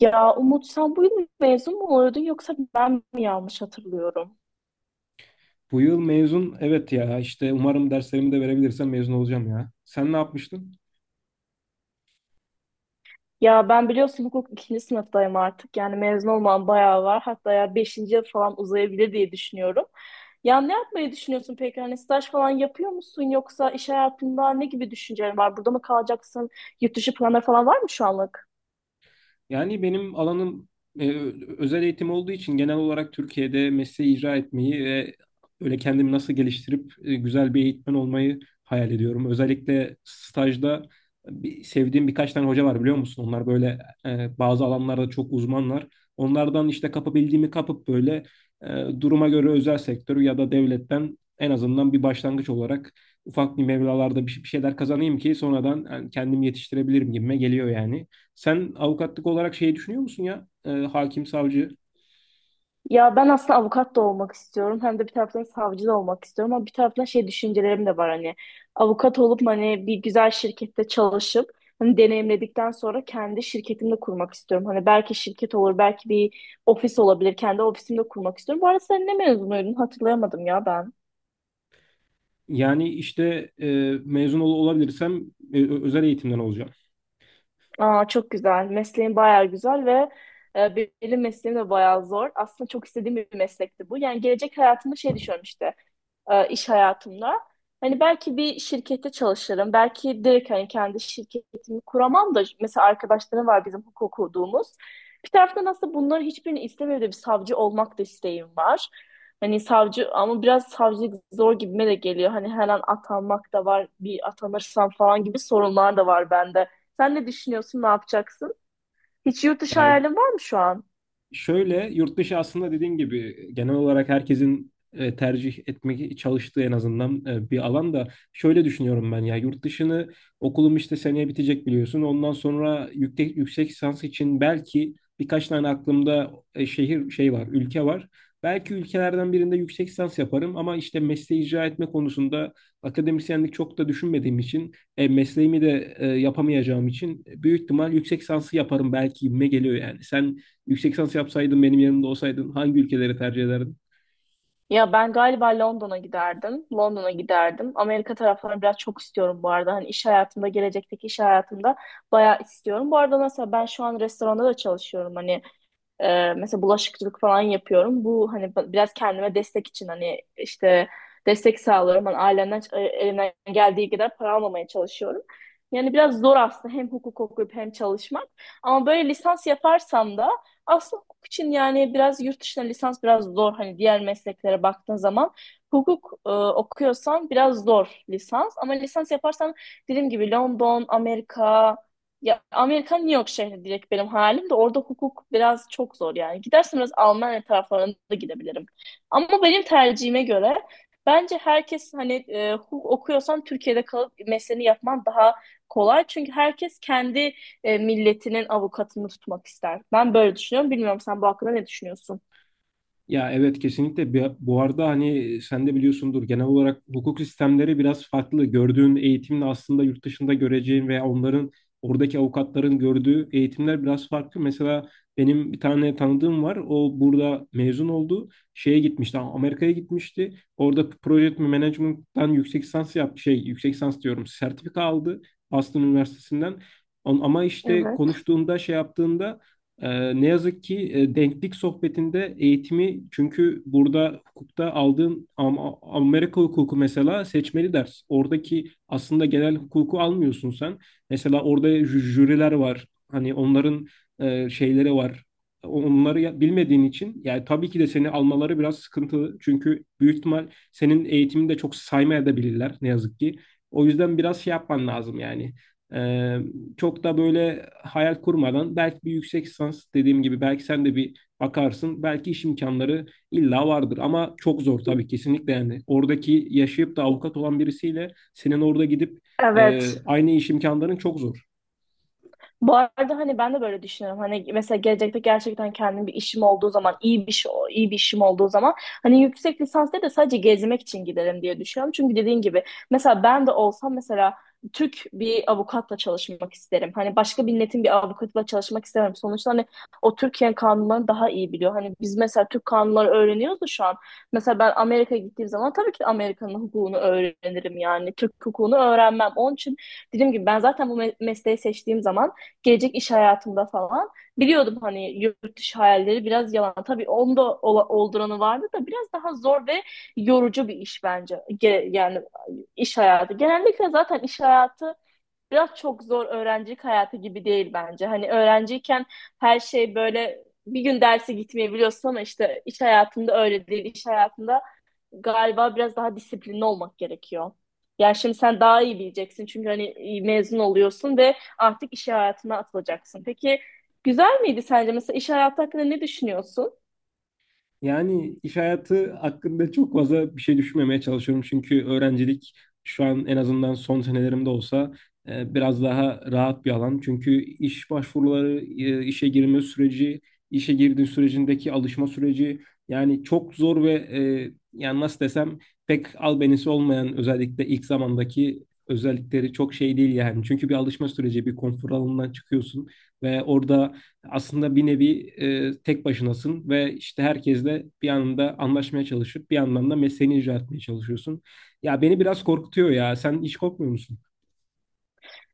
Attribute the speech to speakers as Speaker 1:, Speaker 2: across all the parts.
Speaker 1: Ya Umut sen bu yıl mezun mu oluyordun yoksa ben mi yanlış hatırlıyorum?
Speaker 2: Bu yıl mezun, evet ya işte umarım derslerimi de verebilirsem mezun olacağım ya. Sen ne yapmıştın?
Speaker 1: Ya ben biliyorsun hukuk ikinci sınıftayım artık. Yani mezun olmam bayağı var. Hatta ya beşinci yıl falan uzayabilir diye düşünüyorum. Ya ne yapmayı düşünüyorsun peki? Hani staj falan yapıyor musun yoksa iş hayatında ne gibi düşüncelerin var? Burada mı kalacaksın? Yurt dışı planları falan var mı şu an?
Speaker 2: Yani benim alanım e, özel eğitim olduğu için genel olarak Türkiye'de mesleği icra etmeyi ve öyle kendimi nasıl geliştirip güzel bir eğitmen olmayı hayal ediyorum. Özellikle stajda sevdiğim birkaç tane hoca var, biliyor musun? Onlar böyle bazı alanlarda çok uzmanlar. Onlardan işte kapabildiğimi kapıp böyle duruma göre özel sektör ya da devletten en azından bir başlangıç olarak ufak bir meblalarda bir şeyler kazanayım ki sonradan yani kendimi yetiştirebilirim gibime geliyor yani. Sen avukatlık olarak şey düşünüyor musun ya? E, hakim, savcı.
Speaker 1: Ya ben aslında avukat da olmak istiyorum. Hem de bir taraftan savcı da olmak istiyorum. Ama bir taraftan şey düşüncelerim de var hani. Avukat olup hani bir güzel şirkette çalışıp hani deneyimledikten sonra kendi şirketimi de kurmak istiyorum. Hani belki şirket olur, belki bir ofis olabilir. Kendi ofisimde kurmak istiyorum. Bu arada sen ne mezunuydun? Hatırlayamadım ya ben.
Speaker 2: Yani işte mezun olabilirsem özel eğitimden olacağım.
Speaker 1: Aa çok güzel. Mesleğin bayağı güzel ve e, benim mesleğim de bayağı zor. Aslında çok istediğim bir meslekti bu. Yani gelecek hayatımda şey düşünüyorum işte. İş hayatımda. Hani belki bir şirkette çalışırım. Belki direkt hani kendi şirketimi kuramam da mesela arkadaşlarım var bizim hukuk okuduğumuz. Bir taraftan aslında bunları hiçbirini istemiyorum da bir savcı olmak da isteğim var. Hani savcı ama biraz savcılık zor gibime de geliyor. Hani her an atanmak da var, bir atanırsam falan gibi sorunlar da var bende. Sen ne düşünüyorsun, ne yapacaksın? Hiç yurt dışı
Speaker 2: Ya,
Speaker 1: hayalin var mı şu an?
Speaker 2: şöyle, yurt dışı aslında dediğin gibi genel olarak herkesin tercih etmek çalıştığı en azından bir alan da, şöyle düşünüyorum ben ya yurt dışını, okulum işte seneye bitecek biliyorsun. Ondan sonra yüksek lisans için belki birkaç tane aklımda şehir şey var, ülke var. Belki ülkelerden birinde yüksek lisans yaparım ama işte mesleği icra etme konusunda akademisyenlik çok da düşünmediğim için mesleğimi de yapamayacağım için büyük ihtimal yüksek lisansı yaparım belki gibime geliyor yani. Sen yüksek lisans yapsaydın, benim yanımda olsaydın, hangi ülkeleri tercih ederdin?
Speaker 1: Ya ben galiba London'a giderdim. London'a giderdim. Amerika taraflarını biraz çok istiyorum bu arada. Hani iş hayatımda, gelecekteki iş hayatımda bayağı istiyorum. Bu arada mesela ben şu an restoranda da çalışıyorum. Hani mesela bulaşıkçılık falan yapıyorum. Bu hani biraz kendime destek için hani işte destek sağlıyorum. Hani ailemden elimden geldiği kadar para almamaya çalışıyorum. Yani biraz zor aslında hem hukuk okuyup hem çalışmak. Ama böyle lisans yaparsam da aslında hukuk için yani biraz yurt dışına lisans biraz zor. Hani diğer mesleklere baktığın zaman hukuk okuyorsan biraz zor lisans. Ama lisans yaparsan dediğim gibi London, Amerika, ya Amerika New York şehri direkt benim halim de orada hukuk biraz çok zor yani. Gidersem biraz Almanya taraflarına da gidebilirim. Ama benim tercihime göre bence herkes hani hukuk okuyorsan Türkiye'de kalıp mesleğini yapman daha kolay. Çünkü herkes kendi milletinin avukatını tutmak ister. Ben böyle düşünüyorum. Bilmiyorum sen bu hakkında ne düşünüyorsun?
Speaker 2: Ya evet, kesinlikle. Bu arada hani sen de biliyorsundur, genel olarak hukuk sistemleri biraz farklı. Gördüğün eğitimle aslında yurt dışında göreceğin veya onların oradaki avukatların gördüğü eğitimler biraz farklı. Mesela benim bir tane tanıdığım var. O burada mezun oldu. Şeye gitmişti. Amerika'ya gitmişti. Orada Project Management'tan yüksek lisans yaptı. Şey, yüksek lisans diyorum, sertifika aldı Boston Üniversitesi'nden. On. Ama işte
Speaker 1: Evet.
Speaker 2: konuştuğunda, şey yaptığında, ne yazık ki denklik sohbetinde eğitimi, çünkü burada hukukta aldığın Amerika hukuku mesela seçmeli ders. Oradaki aslında genel hukuku almıyorsun sen. Mesela orada jüriler var. Hani onların şeyleri var. Onları bilmediğin için yani tabii ki de seni almaları biraz sıkıntılı. Çünkü büyük ihtimal senin eğitimini de çok saymayabilirler, ne yazık ki. O yüzden biraz şey yapman lazım yani. Ee, çok da böyle hayal kurmadan, belki bir yüksek lisans, dediğim gibi, belki sen de bir bakarsın. Belki iş imkanları illa vardır ama çok zor tabii, kesinlikle yani. Oradaki yaşayıp da avukat olan birisiyle senin orada gidip
Speaker 1: Evet.
Speaker 2: aynı iş imkanların çok zor.
Speaker 1: Bu arada hani ben de böyle düşünüyorum. Hani mesela gelecekte gerçekten kendim bir işim olduğu zaman, iyi bir iş iyi bir işim olduğu zaman hani yüksek lisansta da sadece gezmek için giderim diye düşünüyorum. Çünkü dediğin gibi mesela ben de olsam mesela Türk bir avukatla çalışmak isterim. Hani başka bir milletin bir avukatla çalışmak istemem. Sonuçta hani o Türkiye kanunlarını daha iyi biliyor. Hani biz mesela Türk kanunları öğreniyoruz da şu an. Mesela ben Amerika'ya gittiğim zaman tabii ki Amerika'nın hukukunu öğrenirim yani. Türk hukukunu öğrenmem. Onun için dediğim gibi ben zaten bu mesleği seçtiğim zaman gelecek iş hayatımda falan biliyordum hani yurt dışı hayalleri biraz yalan. Tabii onda olduranı vardı da biraz daha zor ve yorucu bir iş bence. Yani iş hayatı. Genellikle zaten iş hayatı biraz çok zor öğrencilik hayatı gibi değil bence. Hani öğrenciyken her şey böyle bir gün derse gitmeyebiliyorsun ama işte iş hayatında öyle değil. İş hayatında galiba biraz daha disiplinli olmak gerekiyor. Yani şimdi sen daha iyi bileceksin çünkü hani mezun oluyorsun ve artık iş hayatına atılacaksın. Peki güzel miydi sence? Mesela iş hayatı hakkında ne düşünüyorsun?
Speaker 2: Yani iş hayatı hakkında çok fazla bir şey düşünmemeye çalışıyorum. Çünkü öğrencilik, şu an en azından son senelerimde olsa biraz daha rahat bir alan. Çünkü iş başvuruları, işe girme süreci, işe girdiğin sürecindeki alışma süreci, yani çok zor ve yani nasıl desem, pek albenisi olmayan, özellikle ilk zamandaki özellikleri çok şey değil yani. Çünkü bir alışma süreci, bir konfor alanından çıkıyorsun ve orada aslında bir nevi tek başınasın ve işte herkesle bir anında anlaşmaya çalışıp bir yandan da mesleğini icra etmeye çalışıyorsun. Ya beni biraz korkutuyor ya. Sen hiç korkmuyor musun?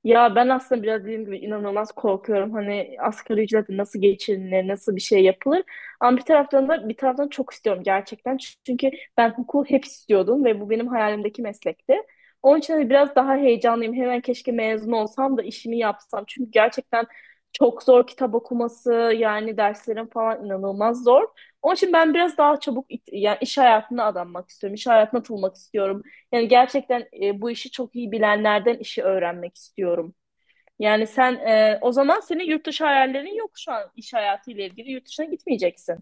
Speaker 1: Ya ben aslında biraz dediğim gibi inanılmaz korkuyorum. Hani asgari ücretle nasıl geçinilir, nasıl bir şey yapılır. Ama bir taraftan da bir taraftan çok istiyorum gerçekten. Çünkü ben hukuku hep istiyordum ve bu benim hayalimdeki meslekti. Onun için hani biraz daha heyecanlıyım. Hemen keşke mezun olsam da işimi yapsam. Çünkü gerçekten çok zor kitap okuması, yani derslerin falan inanılmaz zor. Onun için ben biraz daha çabuk yani iş hayatına adanmak istiyorum. İş hayatına atılmak istiyorum. Yani gerçekten bu işi çok iyi bilenlerden işi öğrenmek istiyorum. Yani sen o zaman senin yurt dışı hayallerin yok şu an iş hayatıyla ilgili. Yurt dışına gitmeyeceksin.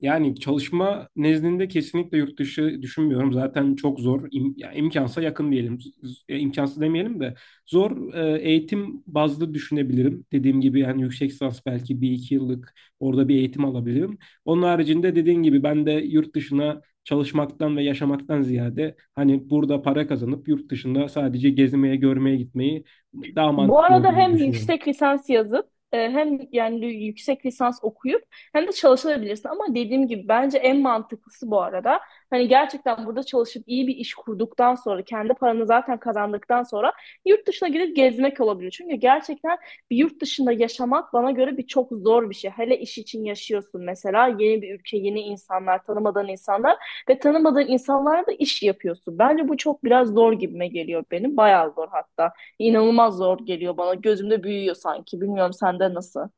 Speaker 2: Yani çalışma nezdinde kesinlikle yurt dışı düşünmüyorum. Zaten çok zor. Ya imkansa yakın diyelim. İmkansız demeyelim de zor. E eğitim bazlı düşünebilirim. Dediğim gibi yani yüksek lisans belki bir iki yıllık orada bir eğitim alabilirim. Onun haricinde dediğim gibi ben de yurt dışına çalışmaktan ve yaşamaktan ziyade hani burada para kazanıp yurt dışında sadece gezmeye, görmeye gitmeyi daha
Speaker 1: Bu
Speaker 2: mantıklı
Speaker 1: arada
Speaker 2: olduğunu
Speaker 1: hem
Speaker 2: düşünüyorum.
Speaker 1: yüksek lisans yazıp hem yani yüksek lisans okuyup hem de çalışabilirsin. Ama dediğim gibi bence en mantıklısı bu arada. Hani gerçekten burada çalışıp iyi bir iş kurduktan sonra kendi paranı zaten kazandıktan sonra yurt dışına gidip gezmek olabilir. Çünkü gerçekten bir yurt dışında yaşamak bana göre bir çok zor bir şey. Hele iş için yaşıyorsun mesela yeni bir ülke, yeni insanlar, tanımadığın insanlar ve tanımadığın insanlarla da iş yapıyorsun. Bence bu çok biraz zor gibime geliyor benim. Bayağı zor hatta inanılmaz zor geliyor bana. Gözümde büyüyor sanki. Bilmiyorum sende nasıl?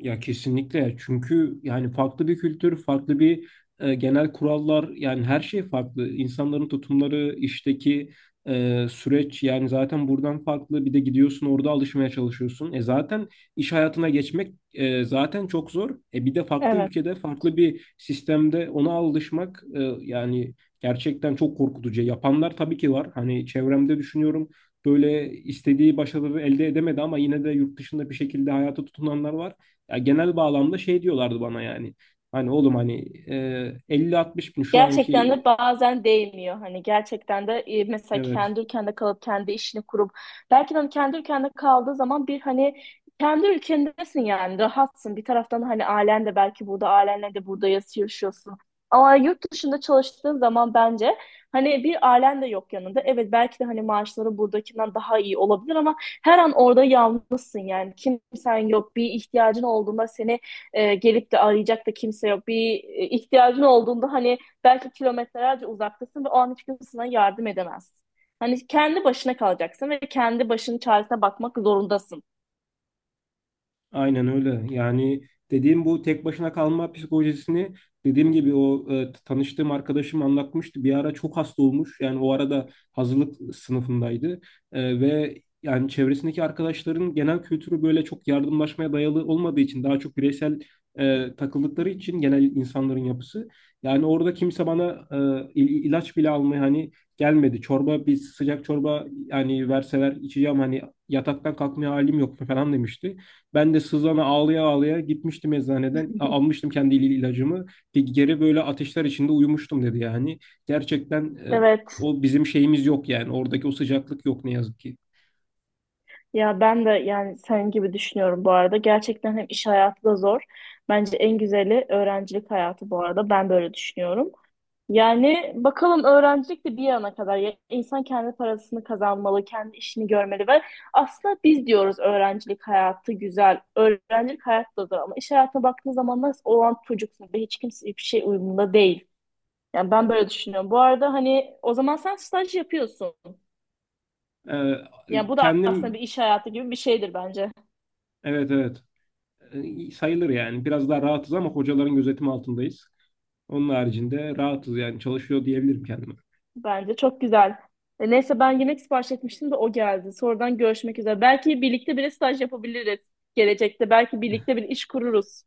Speaker 2: Ya kesinlikle, çünkü yani farklı bir kültür, farklı bir genel kurallar, yani her şey farklı. İnsanların tutumları, işteki süreç, yani zaten buradan farklı. Bir de gidiyorsun, orada alışmaya çalışıyorsun. Zaten iş hayatına geçmek zaten çok zor. Bir de farklı
Speaker 1: Evet.
Speaker 2: ülkede, farklı bir sistemde ona alışmak, yani gerçekten çok korkutucu. Yapanlar tabii ki var. Hani çevremde düşünüyorum, böyle istediği başarıları elde edemedi ama yine de yurt dışında bir şekilde hayata tutunanlar var. Ya genel bağlamda şey diyorlardı bana yani. Hani oğlum hani 50-60 bin şu
Speaker 1: Gerçekten de
Speaker 2: anki.
Speaker 1: bazen değmiyor. Hani gerçekten de mesela
Speaker 2: Evet.
Speaker 1: kendi ülkende kalıp kendi işini kurup belki de hani kendi ülkende kaldığı zaman bir hani kendi ülkendesin yani rahatsın. Bir taraftan hani ailen de belki burada ailenle de burada yaşıyorsun. Ama yurt dışında çalıştığın zaman bence hani bir ailen de yok yanında. Evet belki de hani maaşları buradakinden daha iyi olabilir ama her an orada yalnızsın yani. Kimsen yok. Bir ihtiyacın olduğunda seni gelip de arayacak da kimse yok. Bir ihtiyacın olduğunda hani belki kilometrelerce uzaktasın ve o an hiç kimse sana yardım edemez. Hani kendi başına kalacaksın ve kendi başının çaresine bakmak zorundasın.
Speaker 2: Aynen öyle. Yani dediğim bu tek başına kalma psikolojisini, dediğim gibi, o tanıştığım arkadaşım anlatmıştı. Bir ara çok hasta olmuş. Yani o arada hazırlık sınıfındaydı. Ve yani çevresindeki arkadaşların genel kültürü böyle çok yardımlaşmaya dayalı olmadığı için, daha çok bireysel takıldıkları için genel insanların yapısı. Yani orada kimse bana ilaç bile almaya hani gelmedi. Bir sıcak çorba yani verseler içeceğim, hani yataktan kalkmaya halim yok falan demişti. Ben de sızana ağlaya ağlaya gitmiştim eczaneden. Almıştım kendi ilacımı. Geri böyle ateşler içinde uyumuştum dedi yani. Gerçekten
Speaker 1: Evet.
Speaker 2: o bizim şeyimiz yok yani. Oradaki o sıcaklık yok, ne yazık ki.
Speaker 1: Ya ben de yani senin gibi düşünüyorum bu arada. Gerçekten hem iş hayatı da zor. Bence en güzeli öğrencilik hayatı bu arada. Ben böyle düşünüyorum. Yani bakalım öğrencilik de bir yana kadar. Ya insan kendi parasını kazanmalı, kendi işini görmeli ve aslında biz diyoruz öğrencilik hayatı güzel, öğrencilik hayatı da zor ama iş hayatına baktığın zaman nasıl olan çocuksun ve hiç kimse hiçbir şey uyumunda değil. Yani ben böyle düşünüyorum. Bu arada hani o zaman sen staj yapıyorsun.
Speaker 2: Ee,
Speaker 1: Yani bu da aslında bir
Speaker 2: kendim.
Speaker 1: iş hayatı gibi bir şeydir bence.
Speaker 2: Evet, evet. Sayılır yani. Biraz daha rahatız ama hocaların gözetimi altındayız. Onun haricinde rahatız, yani çalışıyor diyebilirim kendime.
Speaker 1: Bence çok güzel. E, neyse ben yemek sipariş etmiştim de o geldi. Sonradan görüşmek üzere. Belki birlikte bile staj yapabiliriz gelecekte. Belki birlikte bir iş kururuz.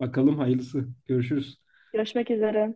Speaker 2: Bakalım hayırlısı. Görüşürüz.
Speaker 1: Görüşmek üzere.